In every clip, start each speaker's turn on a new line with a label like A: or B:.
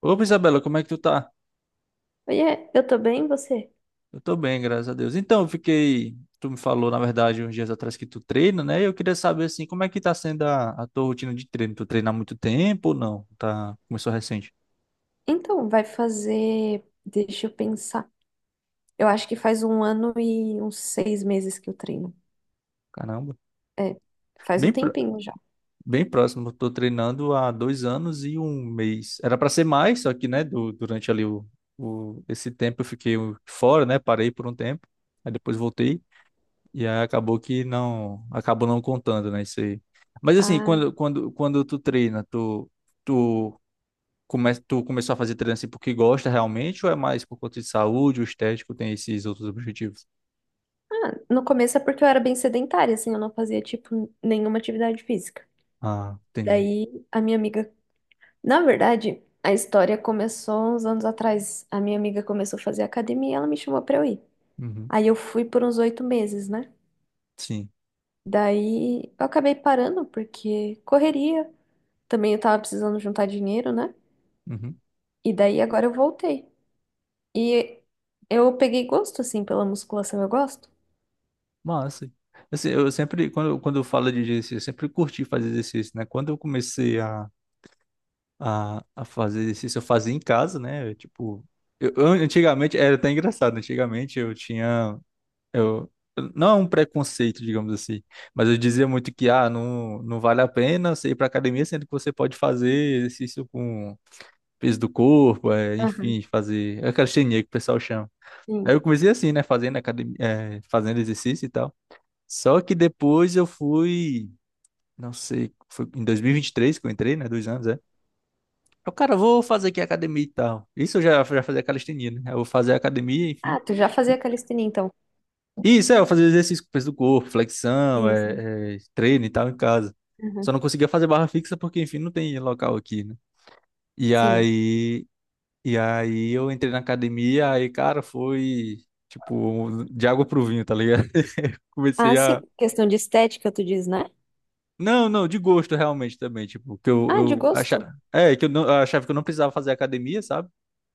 A: Opa, Isabela, como é que tu tá?
B: Oiê, eu tô bem, você?
A: Eu tô bem, graças a Deus. Então, eu fiquei. Tu me falou, na verdade, uns dias atrás que tu treina, né? E eu queria saber, assim, como é que tá sendo a tua rotina de treino? Tu treina há muito tempo ou não? Tá... Começou recente?
B: Então, vai fazer. Deixa eu pensar. Eu acho que faz um ano e uns 6 meses que eu treino.
A: Caramba.
B: É, faz
A: Bem,
B: um
A: pró-
B: tempinho já.
A: bem próximo, eu tô treinando há 2 anos e 1 mês. Era pra ser mais, só que, né, durante ali esse tempo eu fiquei fora, né? Parei por um tempo, aí depois voltei. E aí acabou não contando, né, isso aí. Mas assim,
B: Ah,
A: quando tu treina, tu tu começou a fazer treino assim porque gosta realmente ou é mais por conta de saúde, o estético tem esses outros objetivos?
B: no começo é porque eu era bem sedentária, assim, eu não fazia, tipo, nenhuma atividade física.
A: Ah, entendi.
B: Daí, a minha amiga. Na verdade, a história começou uns anos atrás. A minha amiga começou a fazer academia e ela me chamou pra eu ir.
A: Uhum.
B: Aí eu fui por uns 8 meses, né?
A: Sim.
B: Daí eu acabei parando porque correria. Também eu tava precisando juntar dinheiro, né?
A: Uhum.
B: E daí agora eu voltei. E eu peguei gosto, assim, pela musculação, eu gosto.
A: Massa. Assim, eu sempre quando eu falo de exercício, eu sempre curti fazer exercício, né? Quando eu comecei a fazer exercício, eu fazia em casa, né? Eu, Tipo, eu- Antigamente era até engraçado, antigamente eu tinha Eu, não é um preconceito, digamos assim, mas eu dizia muito que não, não vale a pena você ir para academia, sendo que você pode fazer exercício com peso do corpo,
B: Aham,
A: enfim, fazer é aquela calistenia que o pessoal chama. Aí
B: sim.
A: eu comecei assim, né, fazendo academia, fazendo exercício e tal. Só que depois não sei, foi em dois mil e vinte e três que eu entrei, né, dois anos. Cara, vou fazer aqui academia e tal. Isso eu já fazia calistenia, né? Eu vou fazer academia, enfim.
B: Ah, tu já fazia calistenia, então.
A: Isso, eu fazia exercício com peso do corpo, flexão,
B: Sim, sim.
A: treino e tal em casa. Só
B: Aham.
A: não conseguia fazer barra fixa porque, enfim, não tem local aqui, né? E
B: Sim.
A: aí, e aí eu entrei na academia, aí, cara, foi, tipo, de água pro vinho, tá ligado?
B: Ah,
A: Comecei a...
B: sim. Questão de estética, tu diz, né?
A: Não, não, de gosto realmente também, tipo, que eu,
B: Ah, de
A: eu
B: gosto.
A: achava... não, eu achava que eu não precisava fazer academia, sabe?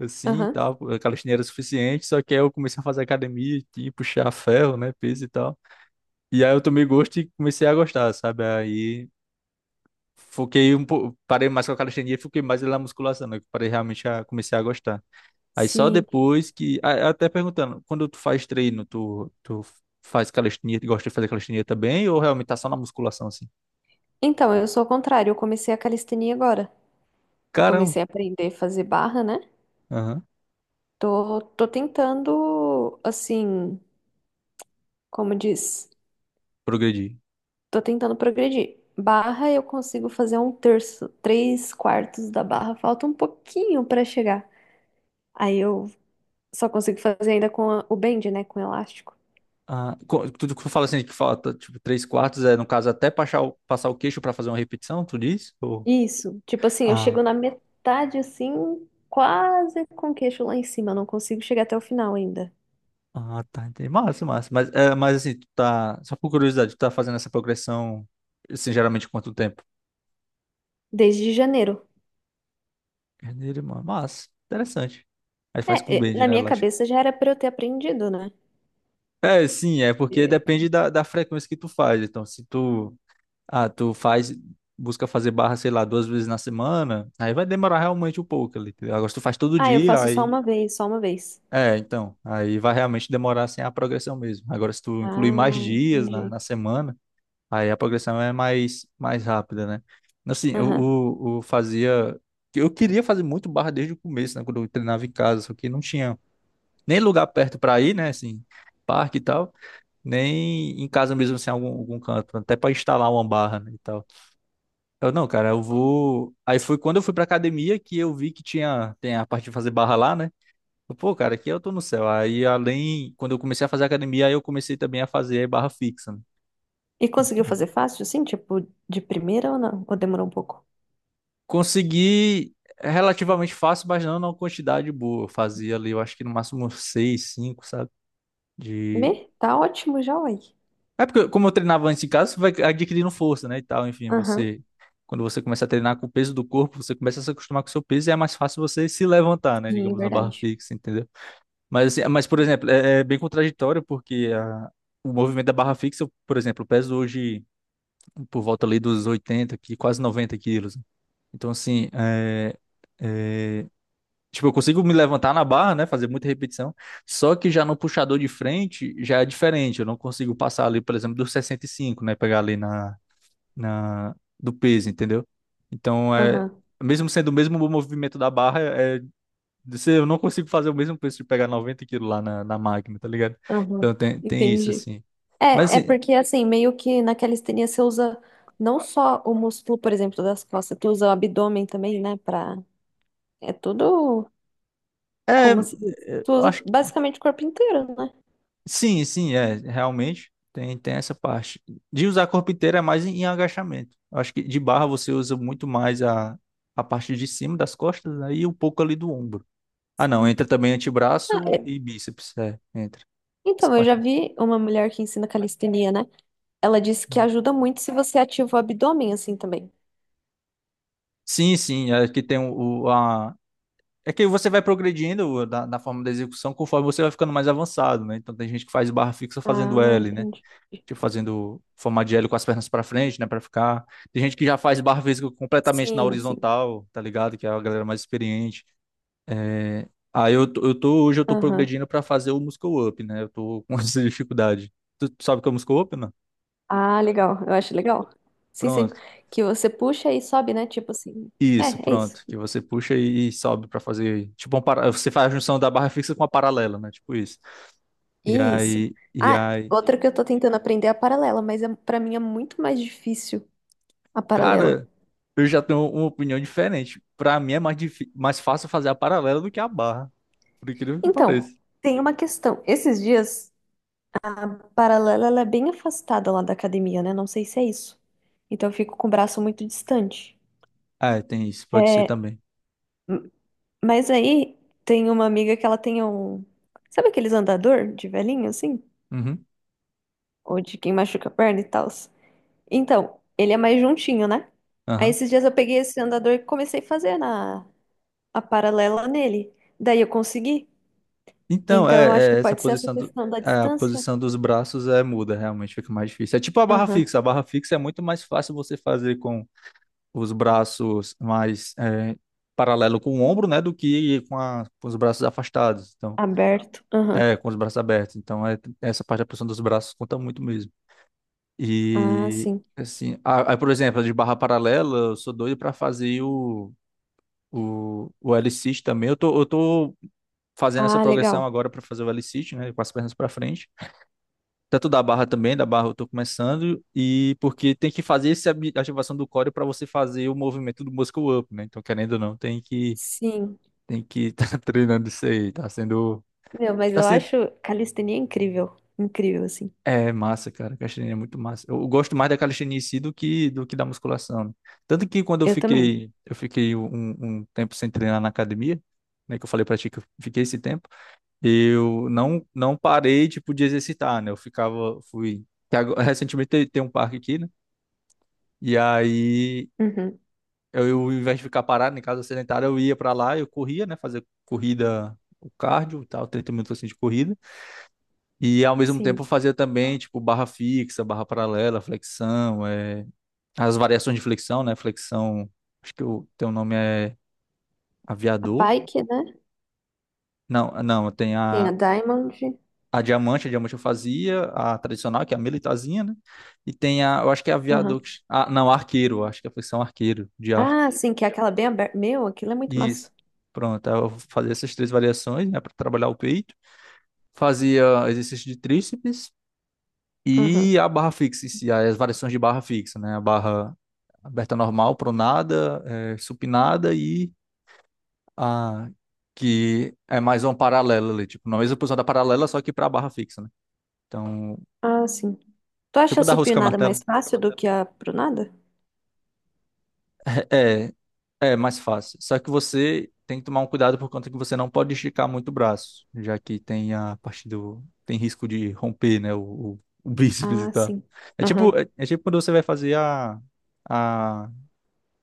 A: Assim, e
B: Aham.
A: tal, a calistenia era suficiente, só que aí eu comecei a fazer academia, tipo, puxar ferro, né, peso e tal. E aí eu tomei gosto e comecei a gostar, sabe? Aí foquei um pouco, parei mais com a calistenia e foquei mais na musculação, né? Que parei realmente a comecei a gostar. Aí só
B: Sim.
A: depois que, até perguntando, quando tu faz treino, tu faz calistenia, tu gosta de fazer calistenia também ou realmente tá só na musculação assim?
B: Então, eu sou ao contrário. Eu comecei a calistenia agora. Eu
A: Caramba,
B: comecei a aprender a fazer barra, né?
A: aham,
B: Tô tentando, assim, como diz?
A: progredi.
B: Tô tentando progredir. Barra, eu consigo fazer um terço, três quartos da barra. Falta um pouquinho pra chegar. Aí eu só consigo fazer ainda com a- o bend, né? Com o elástico.
A: Ah, tu fala assim que falta tipo três quartos, é no caso até passar o queixo para fazer uma repetição, tu diz? Ou...
B: Isso. Tipo assim, eu chego na metade assim, quase com o queixo lá em cima. Eu não consigo chegar até o final ainda.
A: Ah, tá, entendi. Massa, massa. Mas assim, tu tá. Só por curiosidade, tu tá fazendo essa progressão, assim, geralmente quanto tempo?
B: Desde janeiro.
A: Carneiro, mano. Massa. Interessante. Aí
B: É,
A: faz com
B: é,
A: blend,
B: na
A: né,
B: minha
A: lógico.
B: cabeça já era pra eu ter aprendido, né?
A: É, sim, é porque
B: É.
A: depende da frequência que tu faz. Então, se tu. Ah, tu faz. Busca fazer barra, sei lá, 2 vezes na semana, aí vai demorar realmente um pouco ali. Entendeu? Agora, se tu faz todo
B: Ah, eu
A: dia,
B: faço só
A: aí.
B: uma vez, só uma vez.
A: É, então. Aí vai realmente demorar, assim, a progressão mesmo. Agora, se tu incluir mais
B: Ah,
A: dias na
B: entendi.
A: semana. Aí a progressão é mais rápida, né? Assim, eu fazia. Eu queria fazer muito barra desde o começo, né? Quando eu treinava em casa, só que não tinha nem lugar perto para ir, né? Assim, parque e tal, nem em casa mesmo, assim, algum canto, até para instalar uma barra, né, e tal. Não, cara, eu vou. Aí foi quando eu fui pra academia que eu vi que tem a parte de fazer barra lá, né? Pô, cara, aqui eu tô no céu. Aí, quando eu comecei a fazer academia, aí eu comecei também a fazer barra fixa, né?
B: E conseguiu fazer fácil, assim, tipo, de primeira ou não? Ou demorou um pouco?
A: Consegui relativamente fácil, mas não numa quantidade boa. Eu fazia ali, eu acho que no máximo uns seis, cinco, sabe? De...
B: Me? Tá ótimo já, uai.
A: É porque como eu treinava antes em casa, você vai adquirindo força, né, e tal. Enfim,
B: Aham,
A: você... Quando você começa a treinar com o peso do corpo, você começa a se acostumar com o seu peso e é mais fácil você se levantar, né,
B: sim,
A: digamos, na barra
B: verdade.
A: fixa, entendeu? Mas por exemplo, é bem contraditório porque o movimento da barra fixa, eu, por exemplo, eu peso hoje por volta ali dos 80 aqui, quase 90 quilos. Então, assim, é, tipo, eu consigo me levantar na barra, né? Fazer muita repetição. Só que já no puxador de frente já é diferente. Eu não consigo passar ali, por exemplo, dos 65, né? Pegar ali na do peso, entendeu? Então é.
B: Aham,
A: Mesmo sendo o mesmo movimento da barra, eu não consigo fazer o mesmo peso de pegar 90 quilos lá na máquina, tá ligado?
B: aham,
A: Então tem isso,
B: entendi.
A: assim. Mas
B: É, é
A: assim,
B: porque, assim, meio que na calistenia você usa não só o músculo, por exemplo, das costas, tu usa o abdômen também, né, pra... É tudo
A: é,
B: como se diz.
A: eu
B: Tu usa
A: acho.
B: basicamente o corpo inteiro, né?
A: Sim, sim, realmente tem essa parte. De usar corpo inteiro é mais em agachamento. Eu acho que de barra você usa muito mais a parte de cima das costas, aí e um pouco ali do ombro. Ah, não, entra também
B: Ah,
A: antebraço
B: é.
A: e bíceps, entra. Essa
B: Então, eu
A: parte
B: já
A: mais.
B: vi uma mulher que ensina calistenia, né? Ela disse que ajuda muito se você ativa o abdômen assim também.
A: Sim, sim, é que tem o- a é que você vai progredindo na, na forma da execução conforme você vai ficando mais avançado, né? Então tem gente que faz barra fixa
B: Ah,
A: fazendo L, né?
B: entendi.
A: Tipo, fazendo forma de L com as pernas para frente, né, para ficar. Tem gente que já faz barra física completamente na
B: Sim, sim.
A: horizontal, tá ligado? Que é a galera mais experiente. Né? Aí eu tô, hoje eu tô
B: Aham.
A: progredindo para fazer o muscle up, né? Eu tô com essa dificuldade. Tu sabe o que é o muscle up, não?
B: Ah, legal. Eu acho legal. Sim, sim.
A: Pronto.
B: Que você puxa e sobe, né? Tipo assim.
A: Isso,
B: É, é isso.
A: pronto. Que você puxa e sobe para fazer, tipo, um para... você faz a junção da barra fixa com a paralela, né? Tipo isso. E
B: Isso.
A: aí, e
B: Ah,
A: aí,
B: outra que eu tô tentando aprender é a paralela, mas é, para mim é muito mais difícil a paralela.
A: cara, eu já tenho uma opinião diferente. Para mim é mais fácil fazer a paralela do que a barra. Por incrível que pareça.
B: Então, tem uma questão. Esses dias, a paralela ela é bem afastada lá da academia, né? Não sei se é isso. Então eu fico com o braço muito distante.
A: Ah, é, tem isso, pode ser
B: É,
A: também.
B: mas aí tem uma amiga que ela tem um. Sabe aqueles andador de velhinho, assim?
A: Uhum.
B: Ou de quem machuca a perna e tal. Então, ele é mais juntinho, né? Aí
A: Aham.
B: esses dias eu peguei esse andador e comecei a fazer a paralela nele. Daí eu consegui.
A: Então,
B: Então eu acho que
A: essa
B: pode ser essa
A: posição
B: questão da
A: a
B: distância.
A: posição dos braços é muda, realmente fica mais difícil. É tipo a barra
B: Aham.
A: fixa. A barra fixa é muito mais fácil você fazer com os braços mais paralelo com o ombro, né, do que com os braços afastados. Então,
B: Aberto. Aham.
A: com os braços abertos. Então, essa parte da posição dos braços conta muito mesmo.
B: Ah,
A: E
B: sim.
A: assim, por exemplo, a de barra paralela, eu sou doido para fazer o O, o L-Sit também. Eu tô fazendo essa
B: Ah,
A: progressão
B: legal.
A: agora para fazer o L-Sit, né? Com as pernas para frente. Tanto da barra também, da barra eu tô começando. E porque tem que fazer essa ativação do core para você fazer o movimento do muscle up, né? Então, querendo ou não, tem que
B: Sim.
A: tem que estar treinando isso aí.
B: Meu, mas
A: Tá
B: eu
A: sendo
B: acho calistenia incrível. Incrível, assim.
A: é massa, cara. Calistenia é muito massa. Eu gosto mais da calistenia em si do que da musculação, né? Tanto que quando eu
B: Eu também.
A: fiquei eu fiquei um tempo sem treinar na academia, né? Que eu falei pra ti que eu fiquei esse tempo. Eu não parei tipo de exercitar, né? Eu ficava fui que agora- Recentemente tem um parque aqui, né? E aí
B: Uhum.
A: ao invés de ficar parado em casa sedentária, eu ia pra lá, eu corria, né, fazer corrida o cardio e tal, 30 minutos assim de corrida. E ao mesmo tempo
B: Sim.
A: eu fazia também, tipo, barra fixa, barra paralela, flexão, as variações de flexão, né? Flexão, acho que o teu nome é
B: A
A: aviador.
B: Pike, né?
A: Não, não, tem
B: Tem a
A: a
B: Diamond.
A: a diamante, a diamante eu fazia, a tradicional, que é a militarzinha, né? E tem eu acho que é a
B: Aham.
A: viadux, ah, não, arqueiro, eu acho que é a posição arqueiro, de arco.
B: Ah, sim, que é aquela bem aberta. Meu, aquilo é muito
A: Isso.
B: massa.
A: Pronto, aí eu fazia essas três variações, né, para trabalhar o peito. Fazia exercício de tríceps e a
B: Aham.
A: barra fixa, em si, as variações de barra fixa, né? A barra aberta normal, pronada, supinada e a que é mais uma paralela ali, tipo, na mesma posição da paralela, só que para a barra fixa, né? Então,
B: Ah, sim. Tu acha
A: tipo
B: a
A: da rosca
B: supinada mais
A: martelo.
B: fácil do que a pronada?
A: É, é mais fácil. Só que você tem que tomar um cuidado por conta que você não pode esticar muito o braço, já que tem a parte do. Tem risco de romper, né? O bíceps e
B: Ah,
A: tal.
B: sim. Aham.
A: É tipo quando você vai fazer a,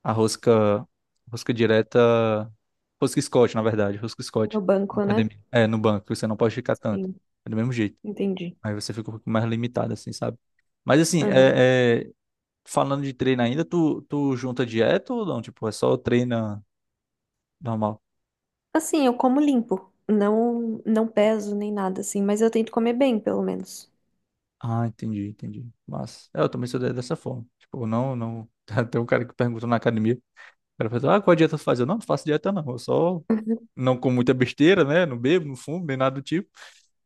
A: a rosca direta, rosca Scott, na verdade, rosca Scott,
B: No
A: na
B: banco, né?
A: academia. É, no banco, você não pode esticar tanto.
B: Sim,
A: É do mesmo jeito.
B: entendi.
A: Aí você fica um pouco mais limitado, assim, sabe? Mas assim,
B: Aham.
A: falando de treino ainda, tu junta dieta ou não? Tipo, é só treina. Normal.
B: Assim, eu como limpo. Não, não peso nem nada, assim, mas eu tento comer bem, pelo menos.
A: Ah, entendi, entendi. Mas, eu também sou dessa forma. Tipo, não, não. Tem um cara que perguntou na academia. O cara falou, qual dieta tu faz? Eu não faço dieta, não. Eu só não como muita besteira, né? Não bebo, não fumo, nem nada do tipo.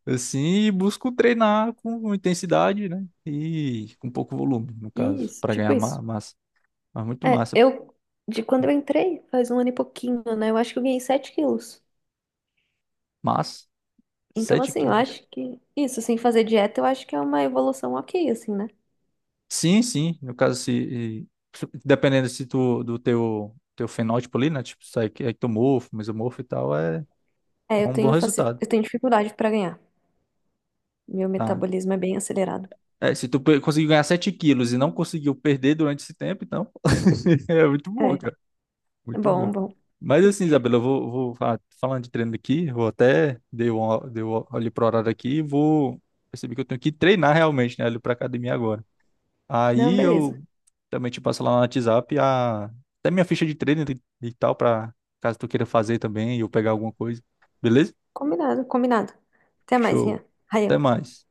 A: Assim, e busco treinar com intensidade, né? E com pouco volume, no caso,
B: Isso,
A: para
B: tipo
A: ganhar
B: isso.
A: massa. Mas muito
B: É,
A: massa.
B: de quando eu entrei, faz um ano e pouquinho, né? Eu acho que eu ganhei 7 quilos.
A: Mas,
B: Então,
A: 7
B: assim, eu
A: quilos.
B: acho que isso, sem fazer dieta, eu acho que é uma evolução ok, assim, né?
A: Sim, sim. No caso, Dependendo se tu, do teu, teu fenótipo ali, né? Tipo, sai que é ectomorfo, mesomorfo e tal.
B: É,
A: É
B: eu
A: um bom
B: tenho,
A: resultado,
B: eu tenho dificuldade pra ganhar. Meu
A: tá?
B: metabolismo é bem acelerado.
A: É, se tu conseguiu ganhar 7 quilos e não conseguiu perder durante esse tempo, então é muito bom,
B: É,
A: cara.
B: é
A: Muito
B: bom,
A: bom.
B: bom.
A: Mas assim, Isabela, eu vou falando de treino aqui, vou até dei um olho pro horário aqui e vou perceber que eu tenho que treinar realmente, né, ali pra academia agora.
B: Não,
A: Aí
B: beleza.
A: eu também te passo lá no WhatsApp até minha ficha de treino e tal, pra caso tu queira fazer também e eu pegar alguma coisa. Beleza?
B: Combinado, combinado. Até mais,
A: Show.
B: Rian. Ryan.
A: Até mais.